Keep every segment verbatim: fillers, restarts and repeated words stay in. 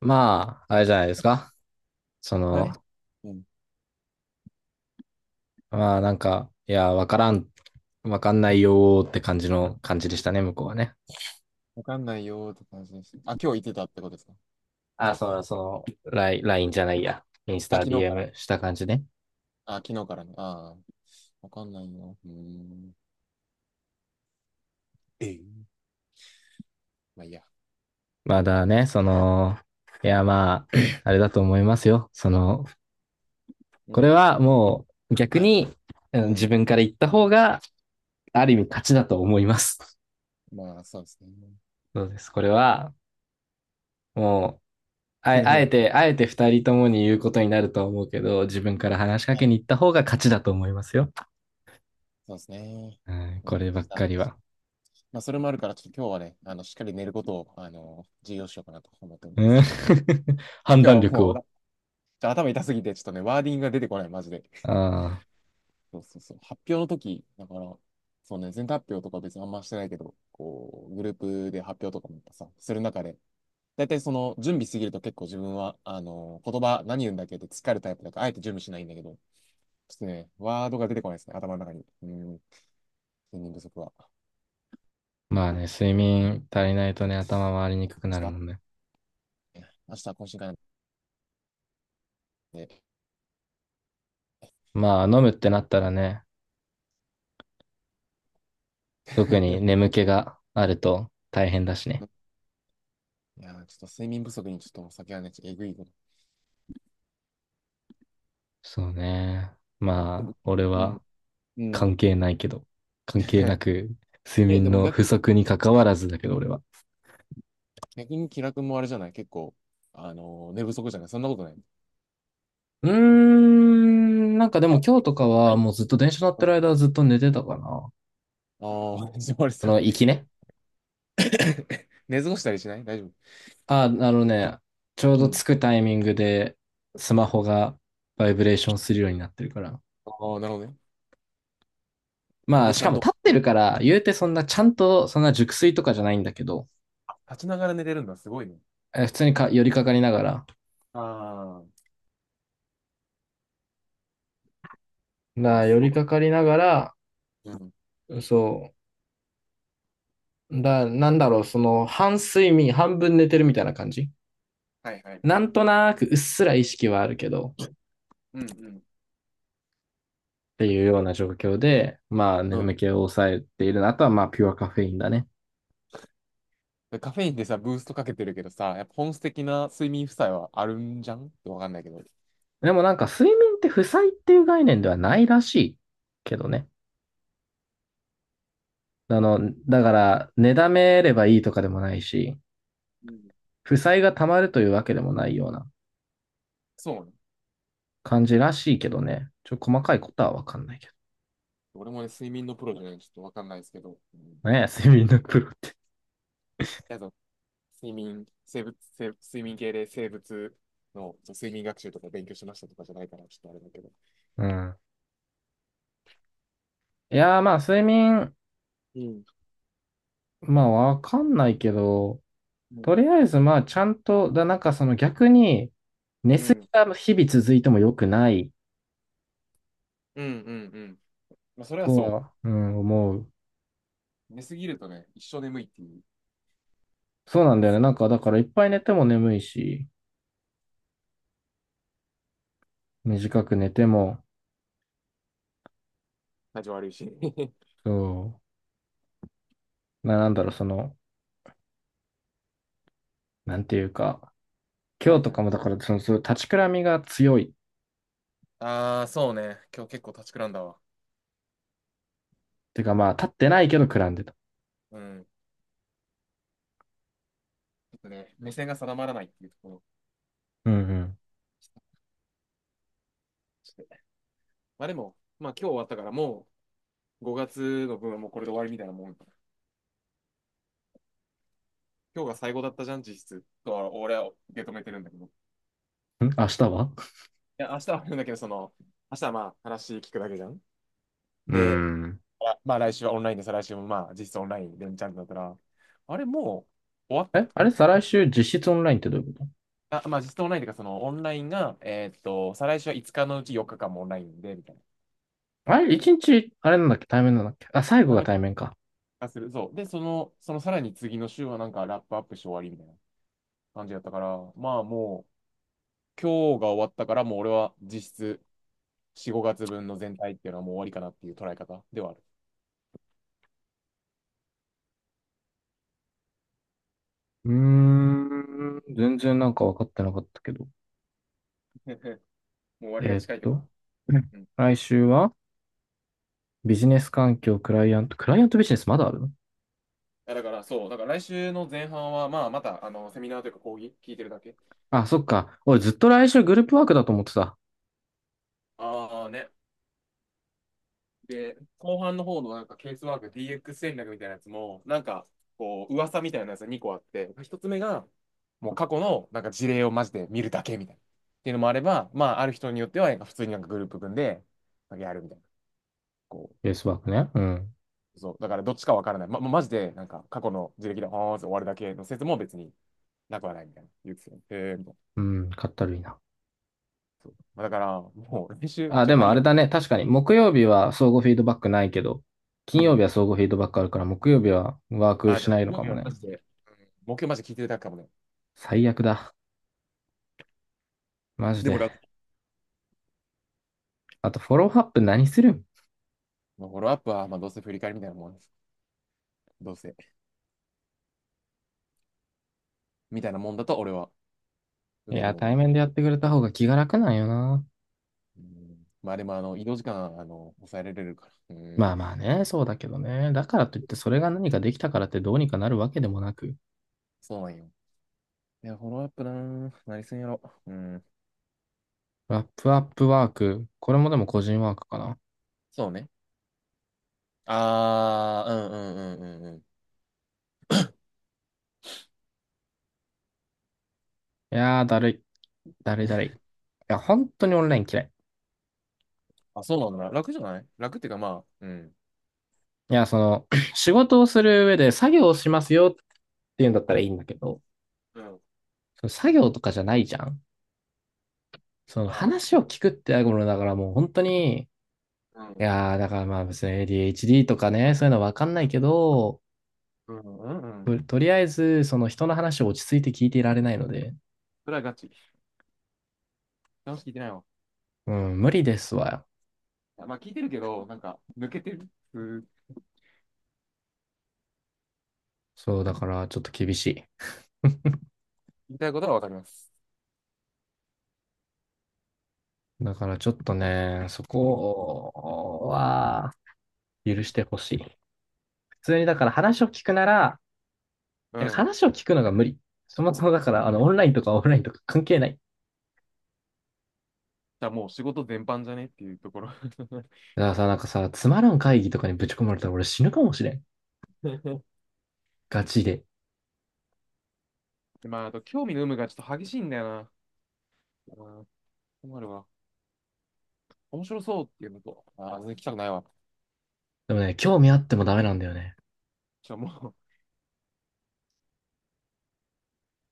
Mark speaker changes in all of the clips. Speaker 1: まあ、あれじゃないですか。そ
Speaker 2: はい。
Speaker 1: の、
Speaker 2: うん。
Speaker 1: まあなんか、いや、わからん、わかんないよーって感じの感じでしたね、向こうはね。
Speaker 2: わかんないよーって感じです。あ、今日行ってたってことですか？
Speaker 1: あ、その、その、ライン、ライン じゃないや。インス
Speaker 2: あ、
Speaker 1: タ
Speaker 2: 昨日から。
Speaker 1: ディーエム した感じね。
Speaker 2: あ、昨日からね。ああ、わかんないよ。うーん。ええ。まあいいや。
Speaker 1: まだね、その、いや、まあ、あれだと思いますよ。その、
Speaker 2: う
Speaker 1: これ
Speaker 2: ん。
Speaker 1: はもう逆
Speaker 2: はい。
Speaker 1: に、うん、
Speaker 2: う
Speaker 1: 自
Speaker 2: ん。
Speaker 1: 分から言った方が、ある意味勝ちだと思います。
Speaker 2: まあ、そうですね。
Speaker 1: そうです。これは、もあ、あえて、あえて二人ともに言うことになるとは思うけど、自分から話しか
Speaker 2: はい。
Speaker 1: けに行った方が勝ちだと思いますよ。
Speaker 2: そうですね。
Speaker 1: うん、
Speaker 2: ま
Speaker 1: こ
Speaker 2: あ、
Speaker 1: れば
Speaker 2: し
Speaker 1: っ
Speaker 2: た
Speaker 1: かりは。
Speaker 2: まあ、それもあるから、ちょっと今日はね、あの、しっかり寝ることを、あの、重要視しようかなと思っておりま
Speaker 1: うん、
Speaker 2: す。今
Speaker 1: 判
Speaker 2: 日
Speaker 1: 断
Speaker 2: は
Speaker 1: 力
Speaker 2: もう、ちょ
Speaker 1: を。
Speaker 2: っと頭痛すぎて、ちょっとね、ワーディングが出てこない、マジで。
Speaker 1: ああ、
Speaker 2: そうそうそう。発表の時、だから、そうね、全体発表とか別にあんましてないけど、こう、グループで発表とかもやっぱさ、する中で、大体その準備しすぎると結構自分は、あの、言葉何言うんだっけって疲れるタイプだから、あえて準備しないんだけど、ちょっとね、ワードが出てこないですね、頭の中に。うん、睡眠不足は。
Speaker 1: まあね、睡眠足りないとね、頭回りにくく
Speaker 2: ち
Speaker 1: なる
Speaker 2: ょっ
Speaker 1: もん
Speaker 2: と、
Speaker 1: ね。
Speaker 2: あ、明日は懇親会なんで。
Speaker 1: まあ、飲むってなったらね、特に 眠気があると大変だしね。
Speaker 2: いやー、ちょっと睡眠不足にちょっとお酒はね、ちょっとえぐいこと。
Speaker 1: そうね。
Speaker 2: でも、
Speaker 1: まあ、俺
Speaker 2: う
Speaker 1: は
Speaker 2: ん、うん。
Speaker 1: 関係ないけど、関係な く、睡
Speaker 2: え、で
Speaker 1: 眠
Speaker 2: も
Speaker 1: の
Speaker 2: 逆
Speaker 1: 不
Speaker 2: に、
Speaker 1: 足に関わらずだけど、俺は。
Speaker 2: 逆に気楽もあれじゃない結構、あのー寝不足じゃないそんなことない。
Speaker 1: うーん、なんかでも今日とかはもうずっと電車乗っ
Speaker 2: う
Speaker 1: てる
Speaker 2: ん。
Speaker 1: 間はずっと寝てたかな。
Speaker 2: ああ、藤森
Speaker 1: そ
Speaker 2: さん。
Speaker 1: の、行きね。
Speaker 2: 寝過ごしたりしない大丈夫？
Speaker 1: あ、あのね、ちょう
Speaker 2: う
Speaker 1: ど着
Speaker 2: ん。
Speaker 1: くタイミングでスマホがバイブレーションするようになってるから。
Speaker 2: ああ、なるほどね。それ
Speaker 1: まあ、
Speaker 2: で
Speaker 1: し
Speaker 2: ちゃ
Speaker 1: か
Speaker 2: ん
Speaker 1: も
Speaker 2: と、
Speaker 1: 立っ
Speaker 2: う
Speaker 1: て
Speaker 2: ん、
Speaker 1: るから、言うてそんなちゃんとそんな熟睡とかじゃないんだけど、
Speaker 2: 立ちながら寝れるんだ。すごいね。
Speaker 1: え、普通にか寄りかかりながら。
Speaker 2: ああ、いや、
Speaker 1: な、寄
Speaker 2: すご
Speaker 1: りかかりながら、
Speaker 2: い。うん。
Speaker 1: そう。だ、なんだろう、その、半睡眠、半分寝てるみたいな感じ。
Speaker 2: はいはいは
Speaker 1: な
Speaker 2: い。
Speaker 1: んとなくうっすら意識はあるけど、
Speaker 2: うんうん。
Speaker 1: っていうような状況で、まあ
Speaker 2: うん。
Speaker 1: 眠気を抑えているの。あとはまあピュアカフェインだね。
Speaker 2: でカフェインでさ、ブーストかけてるけどさ、やっぱ本質的な睡眠負債はあるんじゃんってわかんないけど。
Speaker 1: でもなんか睡眠って負債っていう概念ではないらしいけどね。あの、だから、寝だめればいいとかでもないし、
Speaker 2: うん。
Speaker 1: 負債が溜まるというわけでもないような
Speaker 2: そうね。
Speaker 1: 感じらしいけどね。ちょ、細かいことはわかんないけ
Speaker 2: 俺もね、睡眠のプロじゃないんでちょっとわかんないですけど。うん。
Speaker 1: ど。ねえ、睡眠のプロって。
Speaker 2: やだ、睡眠、生物、生睡眠系で生物のそう睡眠学習とか勉強しましたとかじゃないから、ちょっとあれだけど。
Speaker 1: うん。いやーまあ睡眠、
Speaker 2: うん。
Speaker 1: まあわかんないけど、
Speaker 2: うん
Speaker 1: とりあえずまあちゃんと、だ、なんかその逆に、寝
Speaker 2: う
Speaker 1: すぎ
Speaker 2: ん。
Speaker 1: が日々続いても良くない
Speaker 2: うんうんうん。まあ、それは
Speaker 1: と
Speaker 2: そ
Speaker 1: は、うん、思う。
Speaker 2: う。寝すぎるとね、一生眠いっていう。
Speaker 1: そうなんだよね。な
Speaker 2: ね。
Speaker 1: んか、だからいっぱい寝ても眠いし、短く寝ても、
Speaker 2: 体調悪いし。
Speaker 1: そう、な、なんだろう、その、なんていうか、今
Speaker 2: は
Speaker 1: 日
Speaker 2: い
Speaker 1: と
Speaker 2: は
Speaker 1: か
Speaker 2: い。
Speaker 1: もだから、その、そう、立ちくらみが強い。
Speaker 2: ああ、そうね。今日結構立ちくらんだわ。
Speaker 1: てか、まあ、立ってないけどくらんでた。
Speaker 2: うん。ちょっとね、目線が定まらないっていうところ。
Speaker 1: うん
Speaker 2: ちょっと、まあでも、まあ今日終わったからもうごがつの分はもうこれで終わりみたいなもん。今日が最後だったじゃん、実質。とは俺は受け止めてるんだけど。い
Speaker 1: うん。ん、明日は、
Speaker 2: や、明日はあるんだけど、その、明日はまあ話聞くだけじゃん。
Speaker 1: うー
Speaker 2: で、
Speaker 1: ん。
Speaker 2: あ、まあ来週はオンラインで、再来週もまあ実質オンラインでんちゃんだったら、あれもう終わった。
Speaker 1: え、あれ、再来週実質オンラインってどういうこと？
Speaker 2: あ、まあ、実質オンラインというか、そのオンラインが、えーっと、再来週はいつかのうちよっかかんもオンラインで、みたいな。
Speaker 1: あれ、一日、あれなんだっけ、対面なんだっけ。あ、最後
Speaker 2: た
Speaker 1: が
Speaker 2: め
Speaker 1: 対面か。
Speaker 2: 化する。そう。で、その、そのさらに次の週はなんかラップアップして終わりみたいな感じだったから、まあもう、今日が終わったから、もう俺は実質し、ごがつぶんの全体っていうのはもう終わりかなっていう捉え方ではある。
Speaker 1: うーん、全然なんか分かってなかったけど。
Speaker 2: もう終わりが
Speaker 1: えーっ
Speaker 2: 近いってこと。
Speaker 1: と、うん、
Speaker 2: うん。い
Speaker 1: 来週はビジネス環境、クライアント、クライアントビジネスまだある？
Speaker 2: やだからそう、だから来週の前半は、まあまた、あの、セミナーというか講義聞いてるだけ。
Speaker 1: あ、そっか。俺ずっと来週グループワークだと思ってた。
Speaker 2: ああね、で、後半の方のなんかケースワーク ディーエックス 戦略みたいなやつも、なんかこう、噂みたいなやつがにこあって、ひとつめが、もう過去のなんか事例をマジで見るだけみたいな。っていうのもあれば、まあ、ある人によっては、なんか普通になんかグループ組んで、やるみたいな。こ
Speaker 1: ベースワークね。うん。
Speaker 2: う、そう。だからどっちかわからない。ま、ま、マジで、なんか過去の事例で、あーって終わるだけの説も別になくはないみたいな。言うてでよね。へー、みたいな。
Speaker 1: うん、かったるいな。
Speaker 2: そう。まあ、だから、もう練習
Speaker 1: あ、
Speaker 2: じゃ
Speaker 1: で
Speaker 2: な
Speaker 1: も
Speaker 2: い
Speaker 1: あ
Speaker 2: や
Speaker 1: れ
Speaker 2: ん。
Speaker 1: だね。確かに、木曜日は相互フィードバックないけど、金
Speaker 2: う
Speaker 1: 曜日
Speaker 2: ん。
Speaker 1: は相互フィードバックあるから、木曜日はワーク
Speaker 2: あ、で
Speaker 1: し
Speaker 2: も、
Speaker 1: ないの
Speaker 2: 興
Speaker 1: か
Speaker 2: 味
Speaker 1: も
Speaker 2: は
Speaker 1: ね。
Speaker 2: マジで、目標マジで聞いてるだけかもね。
Speaker 1: 最悪だ。マジ
Speaker 2: でも
Speaker 1: で。
Speaker 2: 楽、
Speaker 1: あと、フォローアップ何するん？
Speaker 2: まあ、フォローアップは、まあ、どうせ振り返りみたいなもんです。どうせ。みたいなもんだと俺は
Speaker 1: い
Speaker 2: 受け
Speaker 1: や、
Speaker 2: 止めて
Speaker 1: 対
Speaker 2: もらま
Speaker 1: 面で
Speaker 2: す。
Speaker 1: やってくれた方が気が楽なんよな。
Speaker 2: うん。まあでも、あの、移動時間、あの、抑えられるから。うん。
Speaker 1: まあまあね、そうだけどね。だからといって、それが何かできたからってどうにかなるわけでもなく。
Speaker 2: そうなんよ。いや、フォローアップなー、何すんやろ。うん。
Speaker 1: ラップアップワーク。これもでも個人ワークかな。
Speaker 2: そうね。あー、うん、うんうんうんうん。
Speaker 1: いやー、だるい。だるいだるい。いや、本当にオンライン嫌い。
Speaker 2: あ、そうなんだ。楽じゃない楽っていうか、まあ、うん。
Speaker 1: いや、その、仕事をする上で作業をしますよっていうんだったらいいんだけど、
Speaker 2: うん。
Speaker 1: その作業とかじゃないじゃん。その
Speaker 2: まあ、
Speaker 1: 話を聞くってやるものだからもう本当に、い
Speaker 2: うん。
Speaker 1: やー、だからまあ別に エーディーエイチディー とかね、そういうのわかんないけど、
Speaker 2: うんうんうん。
Speaker 1: ととりあえず、その人の話を落ち着いて聞いていられないので、
Speaker 2: それはガチ。楽しく聞いてないわ。
Speaker 1: うん、無理ですわ。
Speaker 2: まあ、聞いてるけど、なんか、抜けてる。うん、
Speaker 1: そう、だからちょっと厳しい。
Speaker 2: 言いたいことはわかります。
Speaker 1: だからちょっとね、そこは許してほしい。普通にだから話を聞くなら、
Speaker 2: う
Speaker 1: いや、
Speaker 2: ん。
Speaker 1: 話を聞くのが無理。そもそもだから、あの、オンラインとかオフラインとか関係ない。
Speaker 2: じゃあもう仕事全般じゃねっていうところ。
Speaker 1: だからさ、なんかさ、つまらん会議とかにぶち込まれたら俺死ぬかもしれん。ガチで。
Speaker 2: でまあ、あと、興味の有無がちょっと激しいんだよな。うん、困るわ。面白そうっていうのと、ああ、全然来たくないわ。
Speaker 1: でもね、興味あってもダメなんだよね。
Speaker 2: ちょ、もう、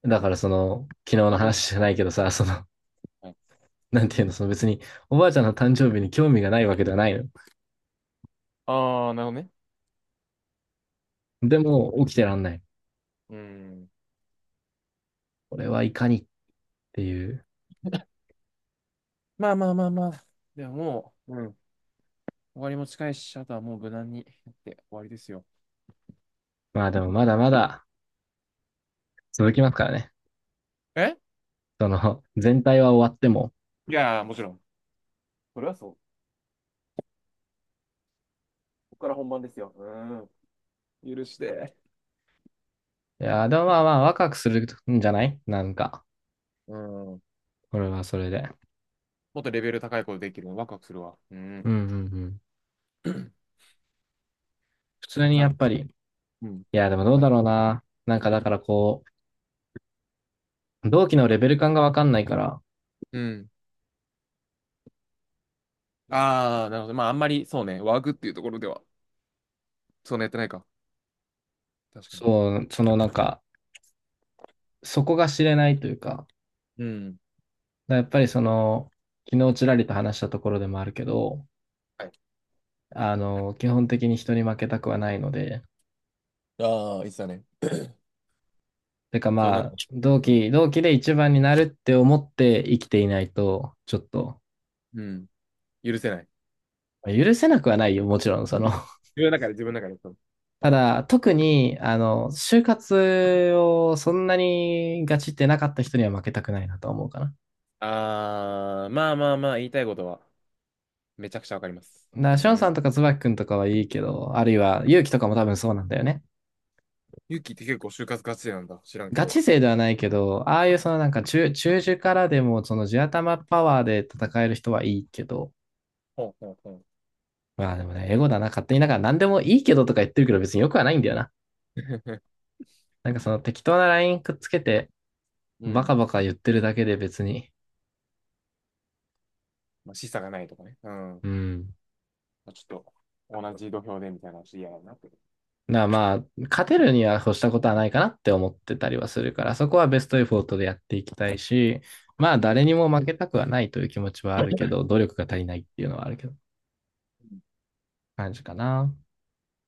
Speaker 1: だからその、昨日の
Speaker 2: あんまり、
Speaker 1: 話じゃないけどさ、その、
Speaker 2: はい、
Speaker 1: なんていうの、その別におばあちゃんの誕生日に興味がないわけではないの。
Speaker 2: ああ、なるほどね。
Speaker 1: でも起きてらんない。
Speaker 2: うん。
Speaker 1: これはいかにっていう。
Speaker 2: まあまあまあまあ。ではもう、うん。終わりも近いし、あとはもう無難にやって終わりですよ。
Speaker 1: まあでもまだまだ続きますからね。
Speaker 2: え、
Speaker 1: その、全体は終わっても。
Speaker 2: いやー、もちろん。それはそう。ここから本番ですよ。うん。許して。
Speaker 1: いや、でもまあまあ、ワクワクするんじゃないなんか、
Speaker 2: うん。
Speaker 1: これはそれで。
Speaker 2: もっとレベル高いことできるの、ワクワクするわ。うん。
Speaker 1: うんうんうん。普通に
Speaker 2: な
Speaker 1: や
Speaker 2: ん
Speaker 1: っ
Speaker 2: か、
Speaker 1: ぱり、い
Speaker 2: うん。
Speaker 1: や、でもどう
Speaker 2: はい、
Speaker 1: だろうな。なんかだからこう、同期のレベル感がわかんないから、
Speaker 2: うん。ああ、なるほど。まあ、あんまり、そうね、ワークっていうところでは、そんなやってないか。確かに。
Speaker 1: そう、そのなんか、そこが知れないというか、だか
Speaker 2: うん。
Speaker 1: らやっぱりその、昨日ちらりと話したところでもあるけど、
Speaker 2: はい。
Speaker 1: あの、基本的に人に負けたくはないので、
Speaker 2: ああ、いつだね。
Speaker 1: てか
Speaker 2: その
Speaker 1: ま
Speaker 2: な、
Speaker 1: あ、同
Speaker 2: うん。
Speaker 1: 期、同期で一番になるって思って生きていないと、ちょっと。
Speaker 2: うん。許せない。
Speaker 1: 許せなくはないよ、もちろん、その。
Speaker 2: 自分の中で、自分の中で。そう、
Speaker 1: ただ、特に、あの、就活をそんなにガチってなかった人には負けたくないなと思うかな。だか
Speaker 2: ああ、まあまあまあ、言いたいことは、めちゃくちゃわかります。う
Speaker 1: ら、ションさん
Speaker 2: ん。
Speaker 1: とか椿くんとかはいいけど、あるいは、勇気とかも多分そうなんだよね。
Speaker 2: ユキって結構就活ガチなんだ。知らんけ
Speaker 1: ガ
Speaker 2: ど。
Speaker 1: チ勢ではないけど、ああいうそのなんか中、中樹からでも、その地頭パワーで戦える人はいいけど、
Speaker 2: ほうほうほ
Speaker 1: まあでもね、エゴだな、勝手になんか何でもいいけどとか言ってるけど別によくはないんだよな。
Speaker 2: う。
Speaker 1: なんかその適当なラインくっつけて、
Speaker 2: う
Speaker 1: バ
Speaker 2: ん。
Speaker 1: カバカ言ってるだけで別に、
Speaker 2: まあ、示唆がないとかね。うん。
Speaker 1: うん、
Speaker 2: まあ、ちょっと、同じ土俵でみたいな話嫌だなって。
Speaker 1: なまあ、勝てるには越したことはないかなって思ってたりはするから、そこはベストエフォートでやっていきたいし、まあ、
Speaker 2: うん
Speaker 1: 誰にも負けたくはないという気持ちはあるけど、努力が足りないっていうのはあるけど、感じかな。